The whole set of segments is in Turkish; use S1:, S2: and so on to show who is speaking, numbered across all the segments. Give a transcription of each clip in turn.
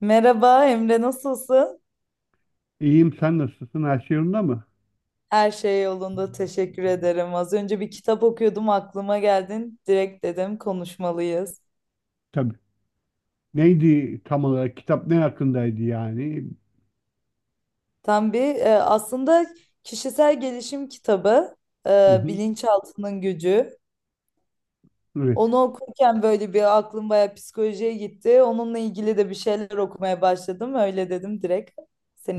S1: Merhaba Emre, nasılsın?
S2: İyiyim, sen nasılsın? Her şey yolunda mı?
S1: Her şey yolunda, teşekkür ederim. Az önce bir kitap okuyordum, aklıma geldin. Direkt dedim konuşmalıyız.
S2: Tabii. Neydi tam olarak? Kitap ne hakkındaydı yani?
S1: Aslında kişisel gelişim kitabı,
S2: Hı hı.
S1: Bilinçaltının Gücü.
S2: Evet.
S1: Onu okurken böyle bir aklım bayağı psikolojiye gitti. Onunla ilgili de bir şeyler okumaya başladım. Öyle dedim direkt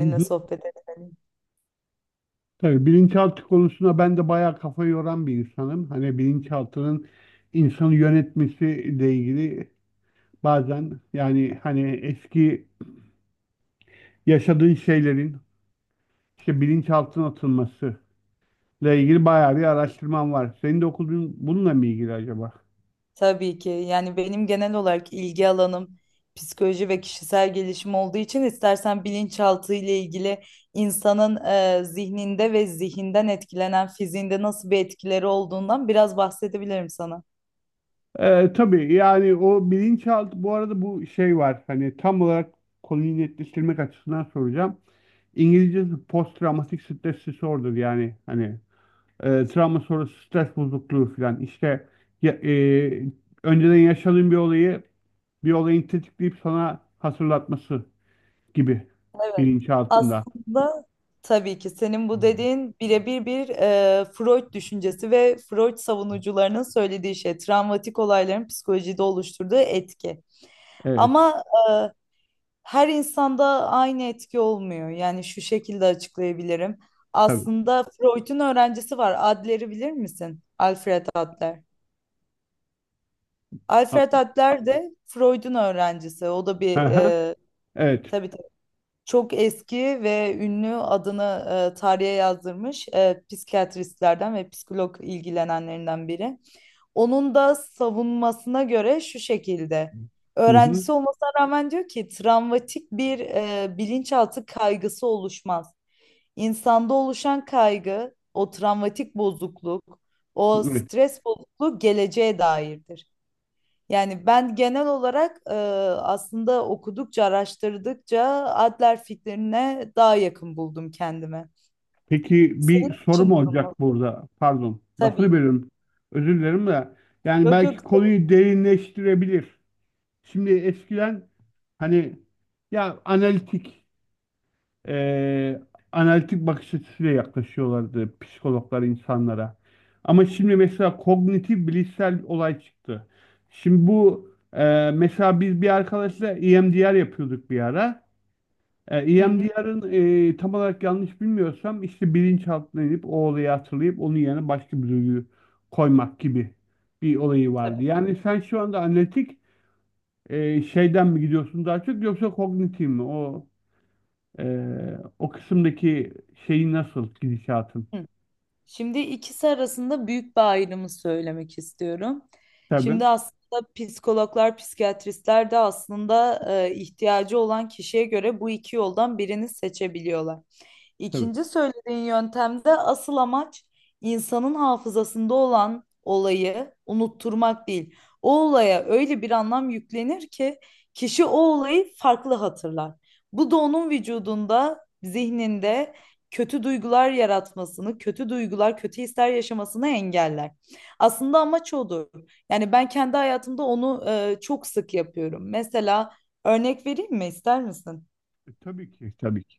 S2: Hı hı.
S1: sohbet edelim.
S2: Tabii bilinçaltı konusuna ben de bayağı kafa yoran bir insanım. Hani bilinçaltının insanı yönetmesiyle ilgili bazen yani hani eski yaşadığın şeylerin işte bilinçaltına atılmasıyla ilgili bayağı bir araştırmam var. Senin de okuduğun bununla mı ilgili acaba?
S1: Tabii ki. Yani benim genel olarak ilgi alanım psikoloji ve kişisel gelişim olduğu için istersen bilinçaltı ile ilgili insanın zihninde ve zihinden etkilenen fiziğinde nasıl bir etkileri olduğundan biraz bahsedebilirim sana.
S2: Tabii yani o bilinçaltı bu arada bu şey var hani tam olarak konuyu netleştirmek açısından soracağım. İngilizcesi post travmatik stres disorder yani hani travma sonrası stres bozukluğu falan işte ya, önceden yaşadığın bir olayı bir olayın tetikleyip sana hatırlatması gibi
S1: Evet.
S2: bilinçaltında.
S1: Aslında tabii ki senin bu
S2: Hmm.
S1: dediğin birebir bir Freud düşüncesi ve Freud savunucularının söylediği şey, travmatik olayların psikolojide oluşturduğu etki.
S2: Evet,
S1: Ama her insanda aynı etki olmuyor. Yani şu şekilde açıklayabilirim.
S2: tabii.
S1: Aslında Freud'un öğrencisi var. Adler'i bilir misin? Alfred Adler.
S2: A-
S1: Alfred Adler de Freud'un öğrencisi. O da bir
S2: Aha, evet.
S1: tabii çok eski ve ünlü adını tarihe yazdırmış psikiyatristlerden ve psikolog ilgilenenlerinden biri. Onun da savunmasına göre şu şekilde.
S2: Hı hı.
S1: Öğrencisi olmasına rağmen diyor ki travmatik bir bilinçaltı kaygısı oluşmaz. İnsanda oluşan kaygı, o travmatik bozukluk, o
S2: Evet.
S1: stres bozukluğu geleceğe dairdir. Yani ben genel olarak aslında okudukça, araştırdıkça Adler fikrine daha yakın buldum kendime.
S2: Peki, bir
S1: Senin
S2: sorum
S1: için durum nasıl?
S2: olacak burada. Pardon, lafını
S1: Tabii.
S2: bölüyorum. Özür dilerim de. Yani
S1: Yok
S2: belki
S1: yok.
S2: konuyu derinleştirebilir. Şimdi eskiden hani ya eee, analitik bakış açısıyla yaklaşıyorlardı psikologlar insanlara. Ama şimdi mesela kognitif bilişsel olay çıktı. Şimdi bu mesela biz bir arkadaşla EMDR yapıyorduk bir ara.
S1: Hı hı,
S2: EMDR'ın tam olarak yanlış bilmiyorsam işte bilinçaltına inip o olayı hatırlayıp onun yerine başka bir duyguyu koymak gibi bir olayı vardı.
S1: tabii.
S2: Yani sen şu anda analitik şeyden mi gidiyorsun daha çok, yoksa kognitif mi? E, o kısımdaki şeyi nasıl gidişatın?
S1: Hı. Şimdi ikisi arasında büyük bir ayrımı söylemek istiyorum.
S2: Tabii.
S1: Şimdi aslında psikologlar, psikiyatristler de aslında ihtiyacı olan kişiye göre bu iki yoldan birini seçebiliyorlar.
S2: Tabii.
S1: İkinci söylediğin yöntemde asıl amaç insanın hafızasında olan olayı unutturmak değil. O olaya öyle bir anlam yüklenir ki kişi o olayı farklı hatırlar. Bu da onun vücudunda, zihninde kötü duygular yaratmasını, kötü duygular, kötü hisler yaşamasını engeller. Aslında amaç odur. Yani ben kendi hayatımda onu çok sık yapıyorum. Mesela örnek vereyim mi ister misin?
S2: Tabii ki, tabii ki.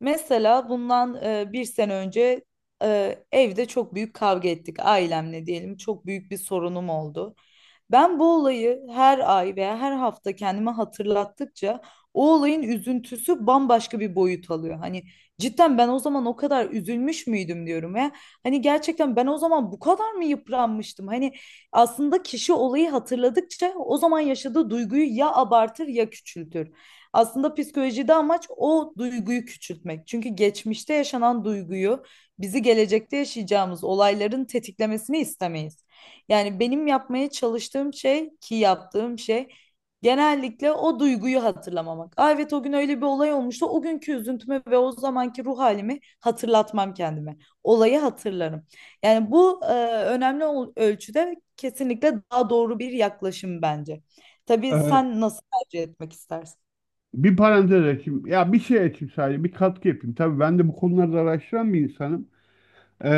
S1: Mesela bundan bir sene önce evde çok büyük kavga ettik ailemle diyelim. Çok büyük bir sorunum oldu. Ben bu olayı her ay veya her hafta kendime hatırlattıkça o olayın üzüntüsü bambaşka bir boyut alıyor. Hani cidden ben o zaman o kadar üzülmüş müydüm diyorum ya. Hani gerçekten ben o zaman bu kadar mı yıpranmıştım? Hani aslında kişi olayı hatırladıkça o zaman yaşadığı duyguyu ya abartır ya küçültür. Aslında psikolojide amaç o duyguyu küçültmek. Çünkü geçmişte yaşanan duyguyu bizi gelecekte yaşayacağımız olayların tetiklemesini istemeyiz. Yani benim yapmaya çalıştığım şey ki yaptığım şey genellikle o duyguyu hatırlamamak. Aa, evet o gün öyle bir olay olmuştu. O günkü üzüntümü ve o zamanki ruh halimi hatırlatmam kendime. Olayı hatırlarım. Yani bu ölçüde kesinlikle daha doğru bir yaklaşım bence. Tabii
S2: E,
S1: sen nasıl tercih etmek istersin?
S2: bir parantez açayım. Ya bir şey açayım sadece, bir katkı yapayım. Tabii, ben de bu konularda araştıran bir insanım. E,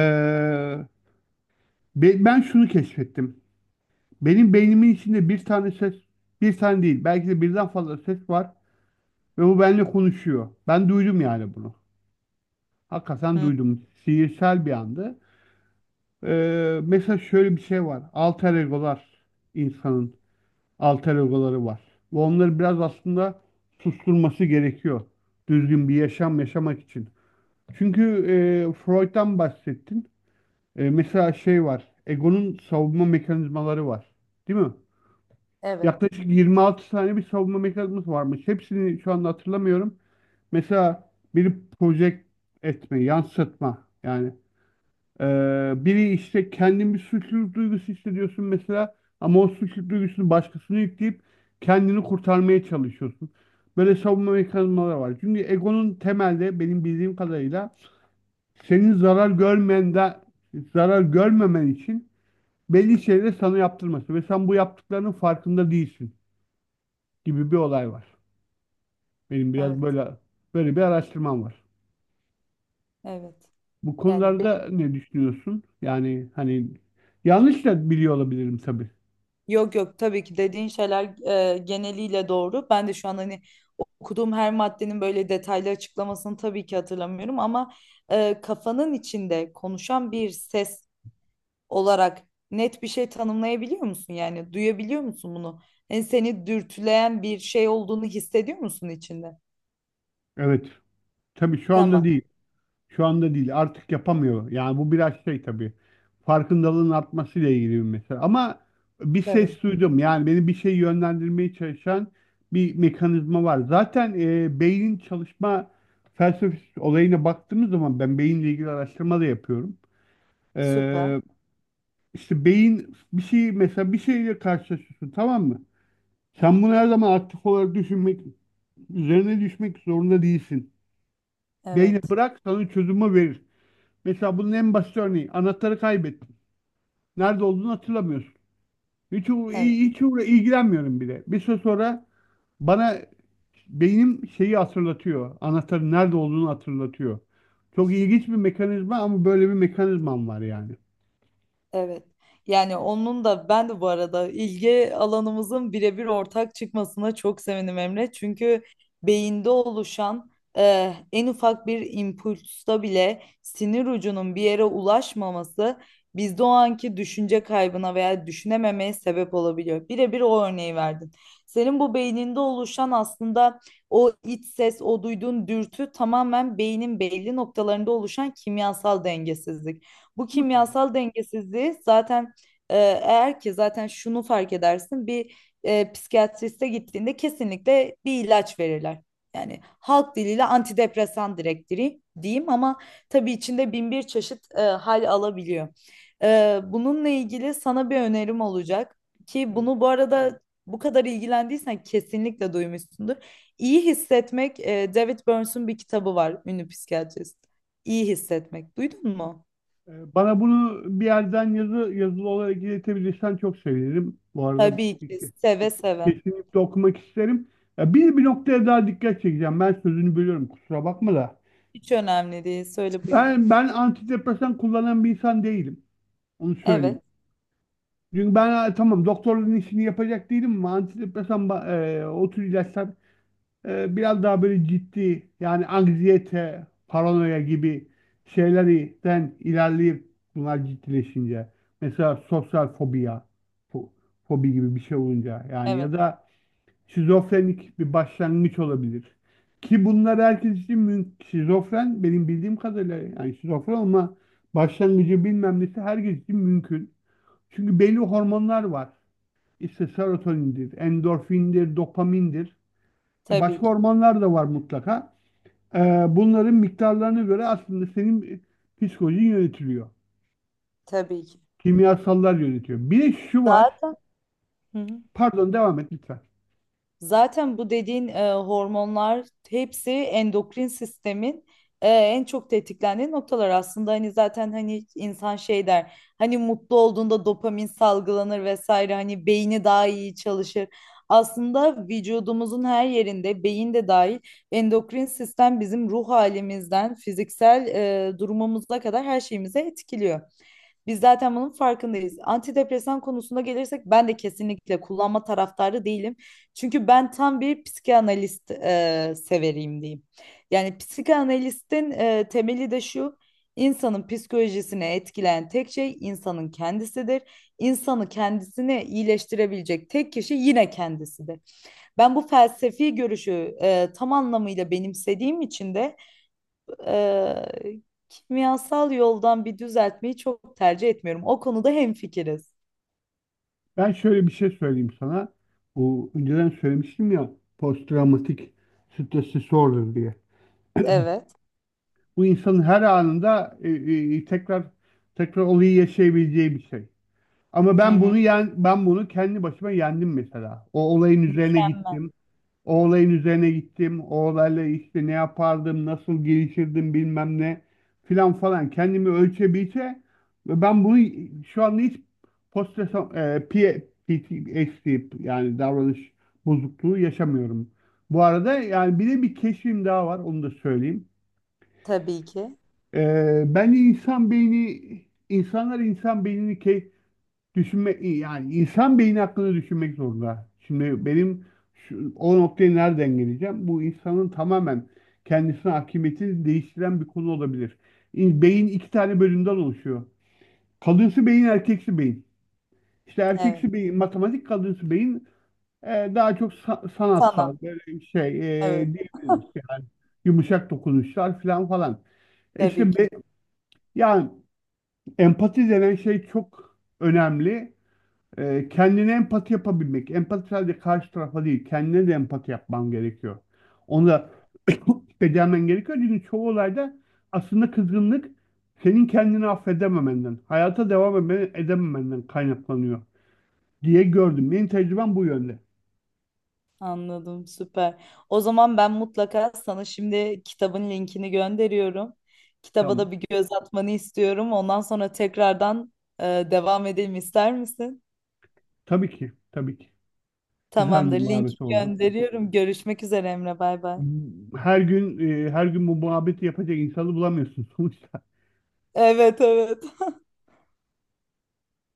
S2: ben şunu keşfettim. Benim beynimin içinde bir tane ses, bir tane değil, belki de birden fazla ses var ve bu benimle konuşuyor. Ben duydum yani bunu. Hakikaten
S1: Hı.
S2: duydum. Sihirsel bir andı. Mesela şöyle bir şey var. Alter egolar, insanın alter egoları var. Ve onları biraz aslında susturması gerekiyor. Düzgün bir yaşam yaşamak için. Çünkü Freud'dan bahsettin. Mesela şey var. Egonun savunma mekanizmaları var. Değil mi?
S1: Evet,
S2: Yaklaşık 26 tane bir savunma mekanizması varmış. Hepsini şu anda hatırlamıyorum. Mesela biri project etme, yansıtma. Yani biri işte kendin bir suçluluk duygusu hissediyorsun mesela, ama o suçluluk duygusunu başkasına yükleyip kendini kurtarmaya çalışıyorsun. Böyle savunma mekanizmaları var. Çünkü egonun temelde benim bildiğim kadarıyla senin zarar görmen de zarar görmemen için belli şeyleri sana yaptırması ve sen bu yaptıklarının farkında değilsin gibi bir olay var. Benim biraz
S1: evet,
S2: böyle bir araştırmam var.
S1: evet.
S2: Bu
S1: Yani benim
S2: konularda ne düşünüyorsun? Yani hani yanlış da biliyor olabilirim tabii.
S1: Yok yok, tabii ki dediğin şeyler geneliyle doğru. Ben de şu an hani okuduğum her maddenin böyle detaylı açıklamasını tabii ki hatırlamıyorum ama kafanın içinde konuşan bir ses olarak net bir şey tanımlayabiliyor musun? Yani duyabiliyor musun bunu? Yani seni dürtüleyen bir şey olduğunu hissediyor musun içinde?
S2: Evet. Tabii şu anda
S1: Tamam,
S2: değil. Şu anda değil. Artık yapamıyor. Yani bu biraz şey tabii. Farkındalığın artmasıyla ilgili bir mesele. Ama bir
S1: tabii.
S2: ses duydum. Yani beni bir şey yönlendirmeye çalışan bir mekanizma var. Zaten beynin çalışma felsefesi olayına baktığımız zaman ben beyinle ilgili araştırma da yapıyorum.
S1: Süper.
S2: E, İşte beyin bir şey, mesela bir şeyle karşılaşıyorsun, tamam mı? Sen bunu her zaman aktif olarak düşünmek, üzerine düşmek zorunda değilsin. Beyne
S1: Evet,
S2: bırak, sana çözümü verir. Mesela bunun en basit örneği, anahtarı kaybettin. Nerede olduğunu hatırlamıyorsun. Hiç, uğra-
S1: evet.
S2: hiç uğra- ilgilenmiyorum bile. Bir süre sonra bana beynim şeyi hatırlatıyor. Anahtarın nerede olduğunu hatırlatıyor. Çok ilginç bir mekanizma, ama böyle bir mekanizmam var yani.
S1: Evet. Yani onun da ben de bu arada ilgi alanımızın birebir ortak çıkmasına çok sevindim Emre. Çünkü beyinde oluşan en ufak bir impulsta bile sinir ucunun bir yere ulaşmaması bizde o anki düşünce kaybına veya düşünememeye sebep olabiliyor. Birebir o örneği verdin. Senin bu beyninde oluşan aslında o iç ses, o duyduğun dürtü tamamen beynin belli noktalarında oluşan kimyasal dengesizlik. Bu kimyasal dengesizliği zaten eğer ki zaten şunu fark edersin bir psikiyatriste gittiğinde kesinlikle bir ilaç verirler. Yani halk diliyle antidepresan direkt diyeyim ama tabii içinde bin bir çeşit hal alabiliyor. Bununla ilgili sana bir önerim olacak ki bunu bu arada bu kadar ilgilendiysen kesinlikle duymuşsundur. İyi Hissetmek, David Burns'un bir kitabı var, ünlü psikiyatrist. İyi Hissetmek. Duydun mu?
S2: Bana bunu bir yerden yazılı olarak iletebilirsen çok sevinirim. Bu arada
S1: Tabii ki seve seve.
S2: kesinlikle okumak isterim. Ya bir noktaya daha dikkat çekeceğim. Ben sözünü bölüyorum, kusura bakma da.
S1: Hiç önemli değil. Söyle buyur.
S2: Ben antidepresan kullanan bir insan değilim. Onu söyleyeyim.
S1: Evet,
S2: Çünkü ben ha, tamam, doktorun işini yapacak değilim, ama antidepresan o tür ilaçlar biraz daha böyle ciddi yani anksiyete, paranoya gibi şeylerden ilerleyip bunlar ciddileşince, mesela sosyal fobiya, fo- fobi gibi bir şey olunca yani, ya
S1: evet.
S2: da şizofrenik bir başlangıç olabilir. Ki bunlar herkes için mümkün. Şizofren, benim bildiğim kadarıyla yani şizofren ama başlangıcı, bilmem nesi herkes için mümkün. Çünkü belli hormonlar var. İşte serotonindir, endorfindir, dopamindir. E,
S1: Tabii
S2: Başka
S1: ki.
S2: ormanlar da var mutlaka. E, bunların miktarlarına göre aslında senin psikolojin yönetiliyor.
S1: Tabii ki.
S2: Kimyasallar yönetiyor. Bir de şu var.
S1: Zaten Hı hı.
S2: Pardon, devam et lütfen.
S1: Zaten bu dediğin hormonlar hepsi endokrin sistemin en çok tetiklendiği noktalar aslında hani zaten hani insan şey der hani mutlu olduğunda dopamin salgılanır vesaire hani beyni daha iyi çalışır. Aslında vücudumuzun her yerinde beyin de dahil endokrin sistem bizim ruh halimizden fiziksel durumumuza kadar her şeyimize etkiliyor. Biz zaten bunun farkındayız. Antidepresan konusuna gelirsek ben de kesinlikle kullanma taraftarı değilim. Çünkü ben tam bir psikanalist severiyim diyeyim. Yani psikanalistin temeli de şu. İnsanın psikolojisini etkileyen tek şey insanın kendisidir. İnsanı kendisini iyileştirebilecek tek kişi yine kendisidir. Ben bu felsefi görüşü tam anlamıyla benimsediğim için de eee, kimyasal yoldan bir düzeltmeyi çok tercih etmiyorum. O konuda hemfikiriz.
S2: Ben şöyle bir şey söyleyeyim sana. Bu önceden söylemiştim ya, posttraumatik stres disorder diye.
S1: Evet.
S2: Bu insanın her anında tekrar tekrar olayı yaşayabileceği bir şey. Ama
S1: Hı hı.
S2: ben bunu kendi başıma yendim mesela. O olayın üzerine
S1: Mükemmel.
S2: gittim. O olayın üzerine gittim. O olayla işte ne yapardım, nasıl gelişirdim, bilmem ne filan falan. Kendimi ölçebilse ve ben bunu şu anda hiç post PTSD yani davranış bozukluğu yaşamıyorum. Bu arada yani bir de bir keşfim daha var, onu da söyleyeyim.
S1: Tabii ki.
S2: Bence insan beyni, insanlar insan beynini düşünme yani insan beyni hakkında düşünmek zorunda. Şimdi benim şu, o noktaya nereden geleceğim? Bu insanın tamamen kendisine hakimiyetini değiştiren bir konu olabilir. Beyin iki tane bölümden oluşuyor. Kadınsı beyin, erkeksi beyin. İşte erkeksi
S1: Evet.
S2: beyin matematik, kadınsı beyin daha çok
S1: Sanat.
S2: sanatsal, böyle şey
S1: Evet.
S2: diyebiliriz yani, yumuşak dokunuşlar falan falan. E
S1: Tabii
S2: İşte
S1: ki.
S2: be- yani empati denen şey çok önemli. Kendine empati yapabilmek. Empati sadece karşı tarafa değil, kendine de empati yapman gerekiyor. Onu da becermen gerekiyor. Çünkü çoğu olayda aslında kızgınlık senin kendini affedememenden, hayata devam edememenden kaynaklanıyor diye gördüm. Benim tecrübem bu yönde.
S1: Anladım. Süper. O zaman ben mutlaka sana şimdi kitabın linkini gönderiyorum. Kitaba
S2: Tamam.
S1: da bir göz atmanı istiyorum. Ondan sonra tekrardan devam edelim ister misin?
S2: Tabii ki, tabii ki. Güzel bir
S1: Tamamdır. Linki
S2: muhabbet oldu.
S1: gönderiyorum. Görüşmek üzere Emre. Bay bay.
S2: Her gün her gün bu muhabbeti yapacak insanı bulamıyorsun sonuçta.
S1: Evet, evet.